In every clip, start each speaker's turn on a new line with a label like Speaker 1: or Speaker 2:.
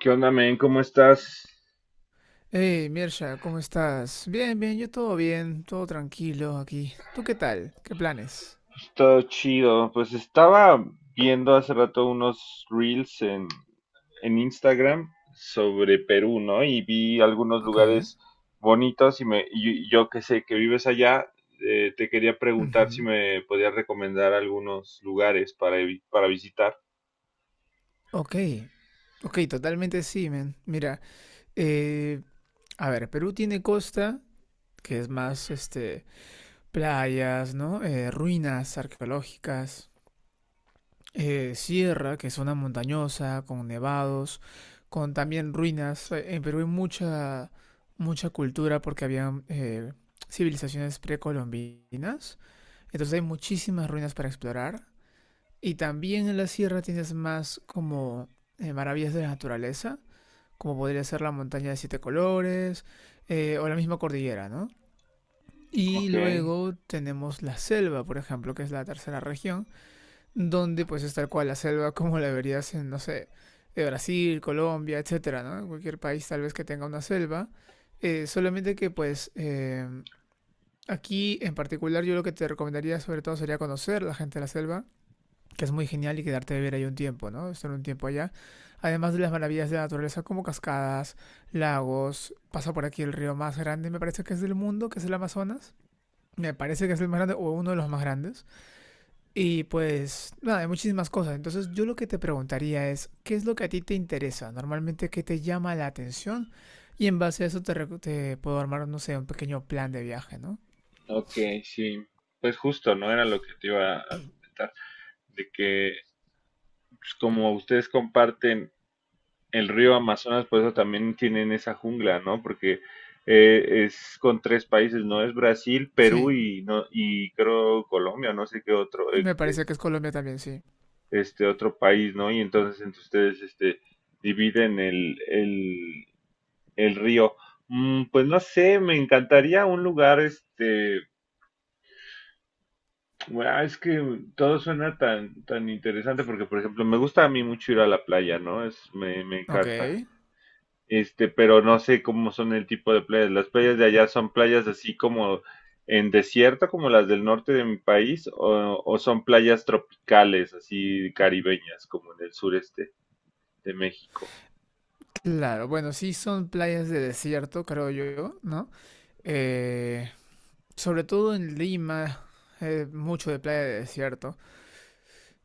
Speaker 1: ¿Qué onda, men? ¿Cómo estás?
Speaker 2: Hey, Mirsha, ¿cómo estás? Bien, bien, yo todo bien, todo tranquilo aquí. ¿Tú qué tal? ¿Qué planes?
Speaker 1: Todo chido. Pues estaba viendo hace rato unos reels en Instagram sobre Perú, ¿no? Y vi algunos
Speaker 2: Ok.
Speaker 1: lugares bonitos y yo que sé que vives allá, te quería preguntar si
Speaker 2: Ujú.
Speaker 1: me podías recomendar algunos lugares para visitar.
Speaker 2: Ok. Ok, totalmente sí, men. Mira, eh, a ver, Perú tiene costa, que es más, este, playas, ¿no? Ruinas arqueológicas, sierra, que es zona montañosa, con nevados, con también ruinas. En Perú hay mucha, mucha cultura porque había civilizaciones precolombinas. Entonces hay muchísimas ruinas para explorar. Y también en la sierra tienes más como maravillas de la naturaleza, como podría ser la montaña de siete colores, o la misma cordillera, ¿no? Y
Speaker 1: Ok,
Speaker 2: luego tenemos la selva, por ejemplo, que es la tercera región, donde pues es tal cual la selva como la verías en, no sé, de Brasil, Colombia, etcétera, ¿no? Cualquier país tal vez que tenga una selva. Solamente que pues aquí en particular yo lo que te recomendaría sobre todo sería conocer la gente de la selva, que es muy genial y quedarte a vivir ahí un tiempo, ¿no? Estar un tiempo allá. Además de las maravillas de la naturaleza como cascadas, lagos, pasa por aquí el río más grande, me parece que es del mundo, que es el Amazonas. Me parece que es el más grande o uno de los más grandes. Y pues nada, hay muchísimas cosas. Entonces yo lo que te preguntaría es, ¿qué es lo que a ti te interesa? Normalmente, ¿qué te llama la atención? Y en base a eso te puedo armar, no sé, un pequeño plan de viaje, ¿no?
Speaker 1: ok, sí. Pues justo, ¿no? Era lo que te iba a comentar, de que pues, como ustedes comparten el río Amazonas, por eso también tienen esa jungla, ¿no? Porque es con tres países, ¿no? Es Brasil, Perú
Speaker 2: Sí,
Speaker 1: y, no, y creo Colombia, no sé qué otro,
Speaker 2: me parece que es Colombia también, sí.
Speaker 1: este otro país, ¿no? Y entonces entre ustedes, este, dividen el río. Pues no sé, me encantaría un lugar, este, bueno, es que todo suena tan, tan interesante porque, por ejemplo, me gusta a mí mucho ir a la playa, ¿no? Me
Speaker 2: Ok.
Speaker 1: encanta. Este, pero no sé cómo son el tipo de playas. Las playas de allá son playas así como en desierto, como las del norte de mi país, o son playas tropicales, así caribeñas, como en el sureste de México.
Speaker 2: Claro, bueno, sí son playas de desierto, creo yo, ¿no? Eh, sobre todo en Lima, mucho de playa de desierto.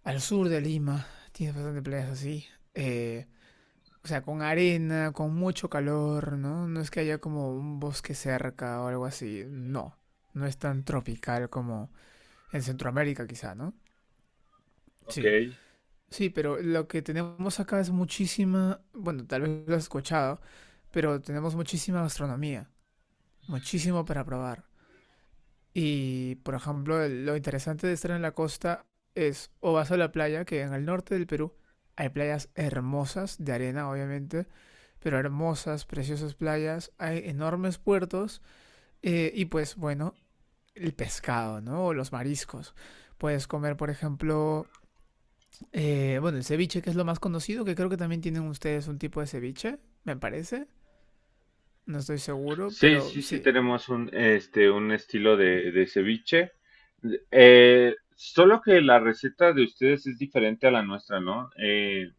Speaker 2: Al sur de Lima tienes bastante playas así. eh, o sea, con arena, con mucho calor, ¿no? No es que haya como un bosque cerca o algo así. No, no es tan tropical como en Centroamérica quizá, ¿no?
Speaker 1: Ok.
Speaker 2: Sí, sí, pero lo que tenemos acá es muchísima, bueno, tal vez lo has escuchado, pero tenemos muchísima gastronomía. Muchísimo para probar. Y, por ejemplo, lo interesante de estar en la costa es o vas a la playa, que en el norte del Perú hay playas hermosas, de arena obviamente, pero hermosas, preciosas playas, hay enormes puertos, y pues bueno, el pescado, ¿no? O los mariscos. Puedes comer, por ejemplo, bueno, el ceviche, que es lo más conocido, que creo que también tienen ustedes un tipo de ceviche, me parece. No estoy seguro,
Speaker 1: Sí,
Speaker 2: pero
Speaker 1: sí, sí,
Speaker 2: sí.
Speaker 1: tenemos un, este, un estilo de ceviche. Solo que la receta de ustedes es diferente a la nuestra, ¿no?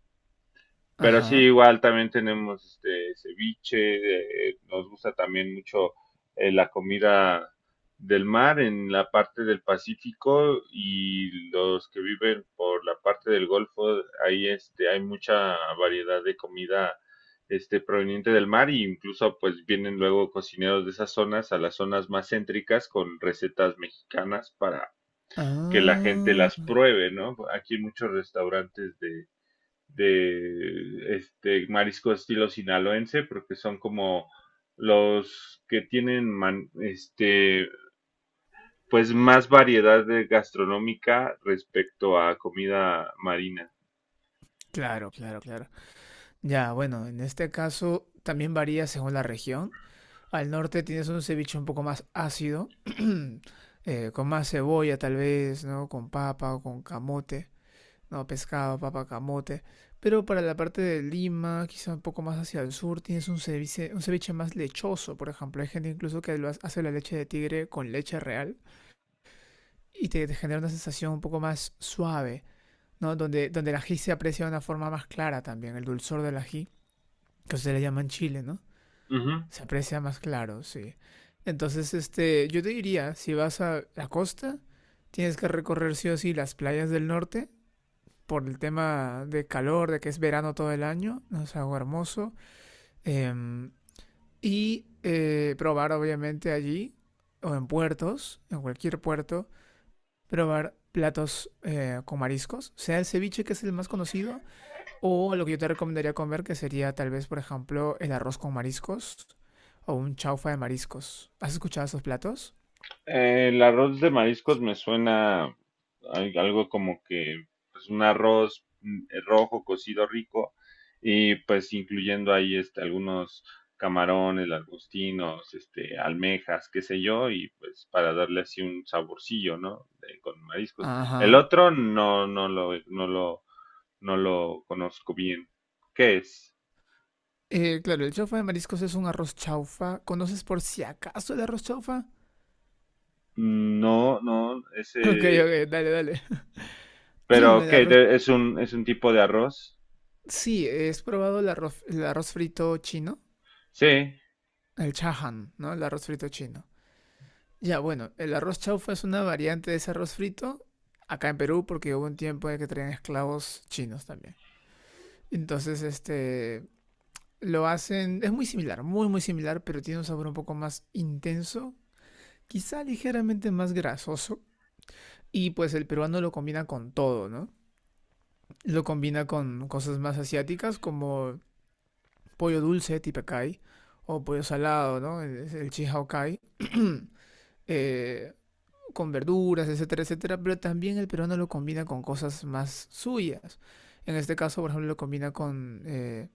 Speaker 1: Pero sí,
Speaker 2: Ajá.
Speaker 1: igual también tenemos este ceviche, nos gusta también mucho la comida del mar en la parte del Pacífico y los que viven por la parte del Golfo, ahí este hay mucha variedad de comida este proveniente del mar y incluso pues vienen luego cocineros de esas zonas a las zonas más céntricas con recetas mexicanas para que la gente las
Speaker 2: Ah.
Speaker 1: pruebe, ¿no? Aquí hay muchos restaurantes de este marisco estilo sinaloense, porque son como los que tienen este pues más variedad de gastronómica respecto a comida marina.
Speaker 2: Claro, claro, claro. Ya, bueno, en este caso también varía según la región. Al norte tienes un ceviche un poco más ácido, con más cebolla tal vez, ¿no? Con papa o con camote, ¿no? Pescado, papa, camote. Pero para la parte de Lima, quizá un poco más hacia el sur, tienes un ceviche más lechoso, por ejemplo. Hay gente incluso que hace la leche de tigre con leche real y te genera una sensación un poco más suave, ¿no? Donde el ají se aprecia de una forma más clara también, el dulzor del ají que ustedes le llaman chile, ¿no?
Speaker 1: Ujú.
Speaker 2: Se aprecia más claro, sí. Entonces, este, yo te diría, si vas a la costa, tienes que recorrer sí o sí las playas del norte por el tema de calor, de que es verano todo el año, ¿no? Es algo hermoso. Em, y probar, obviamente, allí, o en puertos, en cualquier puerto, probar platos con mariscos, sea el ceviche, que es el más conocido, o lo que yo te recomendaría comer, que sería tal vez, por ejemplo, el arroz con mariscos o un chaufa de mariscos. ¿Has escuchado esos platos?
Speaker 1: El arroz de mariscos me suena algo como que pues un arroz rojo cocido rico y pues incluyendo ahí este algunos camarones, langostinos, este almejas, qué sé yo, y pues para darle así un saborcillo, ¿no? Con mariscos. El
Speaker 2: Ajá.
Speaker 1: otro no lo conozco bien. ¿Qué es?
Speaker 2: Claro, el chaufa de mariscos es un arroz chaufa. ¿Conoces por si acaso el arroz chaufa?
Speaker 1: No, no, ese,
Speaker 2: Ok, ok, dale, dale.
Speaker 1: pero
Speaker 2: El
Speaker 1: ¿qué?
Speaker 2: arroz...
Speaker 1: Es un tipo de arroz?
Speaker 2: Sí, ¿has probado el arroz frito chino?
Speaker 1: Sí,
Speaker 2: El chahan, ¿no? El arroz frito chino. Ya, bueno, el arroz chaufa es una variante de ese arroz frito acá en Perú porque hubo un tiempo de que traían esclavos chinos también. Entonces, este, lo hacen, es muy similar, muy muy similar, pero tiene un sabor un poco más intenso, quizá ligeramente más grasoso. Y pues el peruano lo combina con todo, ¿no? Lo combina con cosas más asiáticas como pollo dulce, tipacay, o pollo salado, ¿no? Es el chihao. eh, con verduras, etcétera, etcétera. Pero también el peruano lo combina con cosas más suyas. En este caso, por ejemplo, lo combina con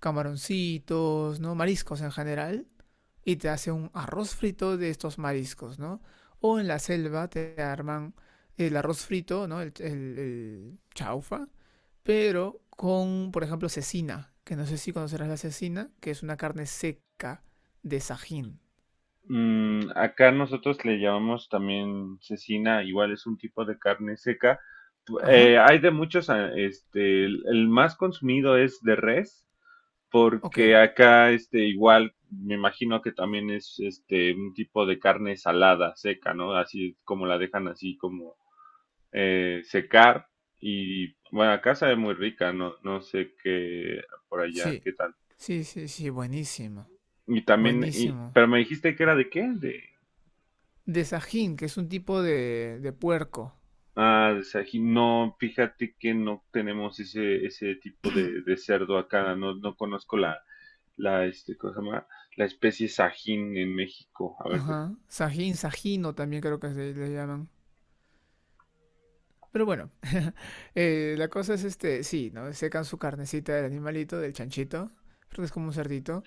Speaker 2: camaroncitos, ¿no? Mariscos en general y te hace un arroz frito de estos mariscos, ¿no? O en la selva te arman el arroz frito, ¿no? El chaufa, pero con, por ejemplo, cecina, que no sé si conocerás la cecina, que es una carne seca de sajín.
Speaker 1: Acá nosotros le llamamos también cecina, igual es un tipo de carne seca.
Speaker 2: Ajá,
Speaker 1: Hay de muchos, este, el más consumido es de res,
Speaker 2: ok,
Speaker 1: porque acá, este, igual, me imagino que también es, este, un tipo de carne salada, seca, ¿no? Así como la dejan así como secar. Y bueno, acá sabe muy rica, no, no sé qué por allá,
Speaker 2: sí.
Speaker 1: qué tal.
Speaker 2: Sí, sí, sí, buenísimo, buenísimo.
Speaker 1: Pero me dijiste que era de qué, de
Speaker 2: De sajín, que es un tipo de puerco.
Speaker 1: Ah, de Sajín. No, fíjate que no tenemos ese tipo de cerdo acá. No, no conozco la, este, ¿cómo se llama? La especie Sajín en México. A ver, deja.
Speaker 2: Ajá, sajín, sajino también creo que se le llaman. Pero bueno, la cosa es este, sí, ¿no? Secan su carnecita del animalito, del chanchito, porque es como un cerdito.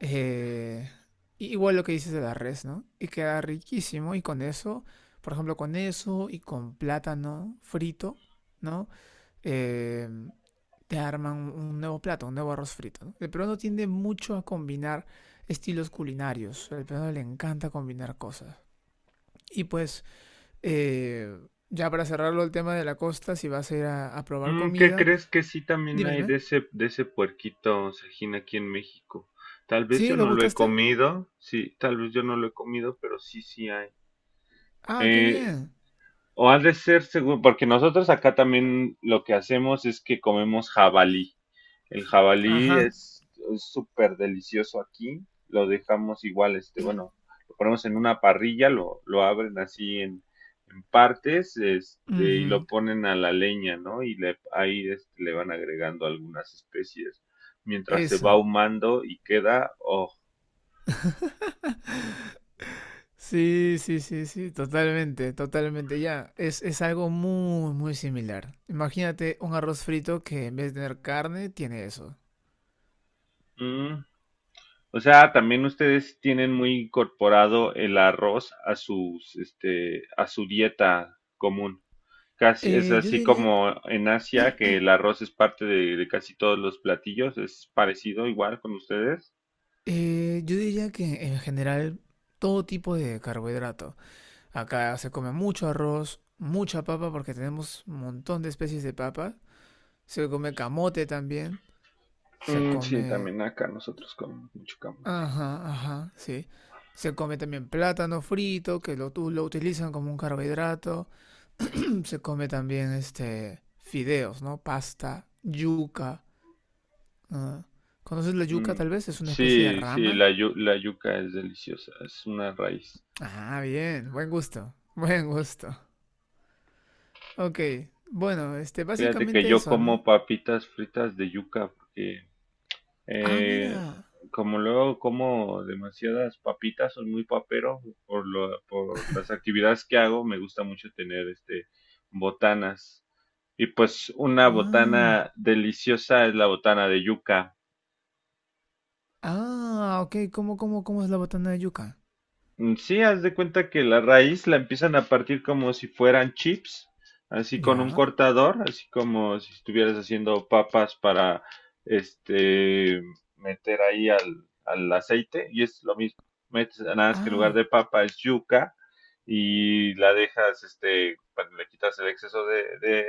Speaker 2: eh, y igual lo que dices de la res, ¿no? Y queda riquísimo y con eso, por ejemplo, con eso y con plátano frito, ¿no? Eh, te arman un nuevo plato, un nuevo arroz frito, ¿no? El peruano tiende mucho a combinar estilos culinarios. Al peruano le encanta combinar cosas. Y pues, eh, ya para cerrarlo el tema de la costa, si vas a ir a probar
Speaker 1: ¿Qué
Speaker 2: comida,
Speaker 1: crees que sí también
Speaker 2: dime,
Speaker 1: hay
Speaker 2: dime.
Speaker 1: de ese puerquito Sajín aquí en México? Tal vez
Speaker 2: ¿Sí?
Speaker 1: yo
Speaker 2: ¿Lo
Speaker 1: no lo he
Speaker 2: buscaste?
Speaker 1: comido. Sí, tal vez yo no lo he comido, pero sí, sí hay.
Speaker 2: Ah, qué
Speaker 1: Eh,
Speaker 2: bien.
Speaker 1: O ha de ser seguro, porque nosotros acá también lo que hacemos es que comemos jabalí. El jabalí
Speaker 2: Ajá.
Speaker 1: es súper delicioso aquí. Lo dejamos igual, este, bueno, lo ponemos en una parrilla, lo abren así en partes, este, y lo
Speaker 2: Ujú.
Speaker 1: ponen a la leña, ¿no? Y le, ahí este, le van agregando algunas especies mientras se va
Speaker 2: Eso.
Speaker 1: ahumando y queda, oh,
Speaker 2: Sí, sí, sí, sí, totalmente, totalmente. Ya, es algo muy, muy similar. Imagínate un arroz frito que en vez de tener carne, tiene eso.
Speaker 1: mm, O sea, también ustedes tienen muy incorporado el arroz a sus, este, a su dieta común. Casi, es
Speaker 2: Eh, yo
Speaker 1: así
Speaker 2: diría,
Speaker 1: como en Asia, que el arroz es parte de casi todos los platillos. ¿Es parecido igual con ustedes?
Speaker 2: yo diría que en general todo tipo de carbohidrato. Acá se come mucho arroz, mucha papa porque tenemos un montón de especies de papa. Se come camote también. Se
Speaker 1: Mm, sí,
Speaker 2: come...
Speaker 1: también acá nosotros comemos mucho camote.
Speaker 2: Ajá, ajá, sí. Se come también plátano frito, que lo utilizan como un carbohidrato. Se come también este fideos, ¿no? Pasta, yuca. Ah. ¿Conoces la yuca
Speaker 1: Mm,
Speaker 2: tal vez? Es una especie de
Speaker 1: Sí, sí,
Speaker 2: rama.
Speaker 1: la yuca es deliciosa, es una raíz.
Speaker 2: Ah, bien, buen gusto, buen gusto. Ok, bueno, este,
Speaker 1: Fíjate que
Speaker 2: básicamente
Speaker 1: yo
Speaker 2: eso, ¿no?
Speaker 1: como papitas fritas de yuca porque
Speaker 2: Ah,
Speaker 1: Eh,
Speaker 2: mira.
Speaker 1: como luego como demasiadas papitas, soy muy papero por las actividades que hago, me gusta mucho tener este botanas. Y pues una
Speaker 2: Ah,
Speaker 1: botana deliciosa es la botana de yuca.
Speaker 2: ah, ok, ¿cómo, cómo, cómo es la botana de yuca?
Speaker 1: Mm, Sí, haz de cuenta que la raíz la empiezan a partir como si fueran chips, así con un
Speaker 2: Ya.
Speaker 1: cortador, así como si estuvieras haciendo papas para este meter ahí al aceite, y es lo mismo. Metes, nada más que en lugar
Speaker 2: Ah,
Speaker 1: de papa es yuca y la dejas, este, cuando le quitas el exceso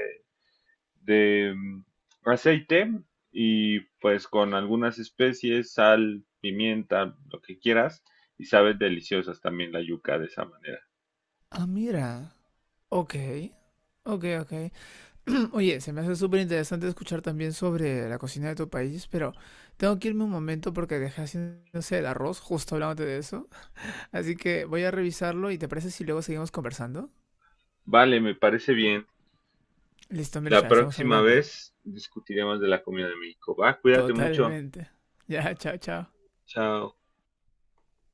Speaker 1: de mm, aceite y pues con algunas especies, sal, pimienta, lo que quieras, y sabes deliciosas también la yuca de esa manera.
Speaker 2: ah, mira. Ok, ok, ok. Oye, se me hace súper interesante escuchar también sobre la cocina de tu país, pero tengo que irme un momento porque dejé haciéndose el arroz, justo hablándote de eso. Así que voy a revisarlo y ¿te parece si luego seguimos conversando?
Speaker 1: Vale, me parece bien.
Speaker 2: Listo,
Speaker 1: La
Speaker 2: Mircha, estamos
Speaker 1: próxima
Speaker 2: hablando.
Speaker 1: vez discutiremos de la comida de México. Va, cuídate mucho.
Speaker 2: Totalmente. Ya, chao, chao.
Speaker 1: Chao.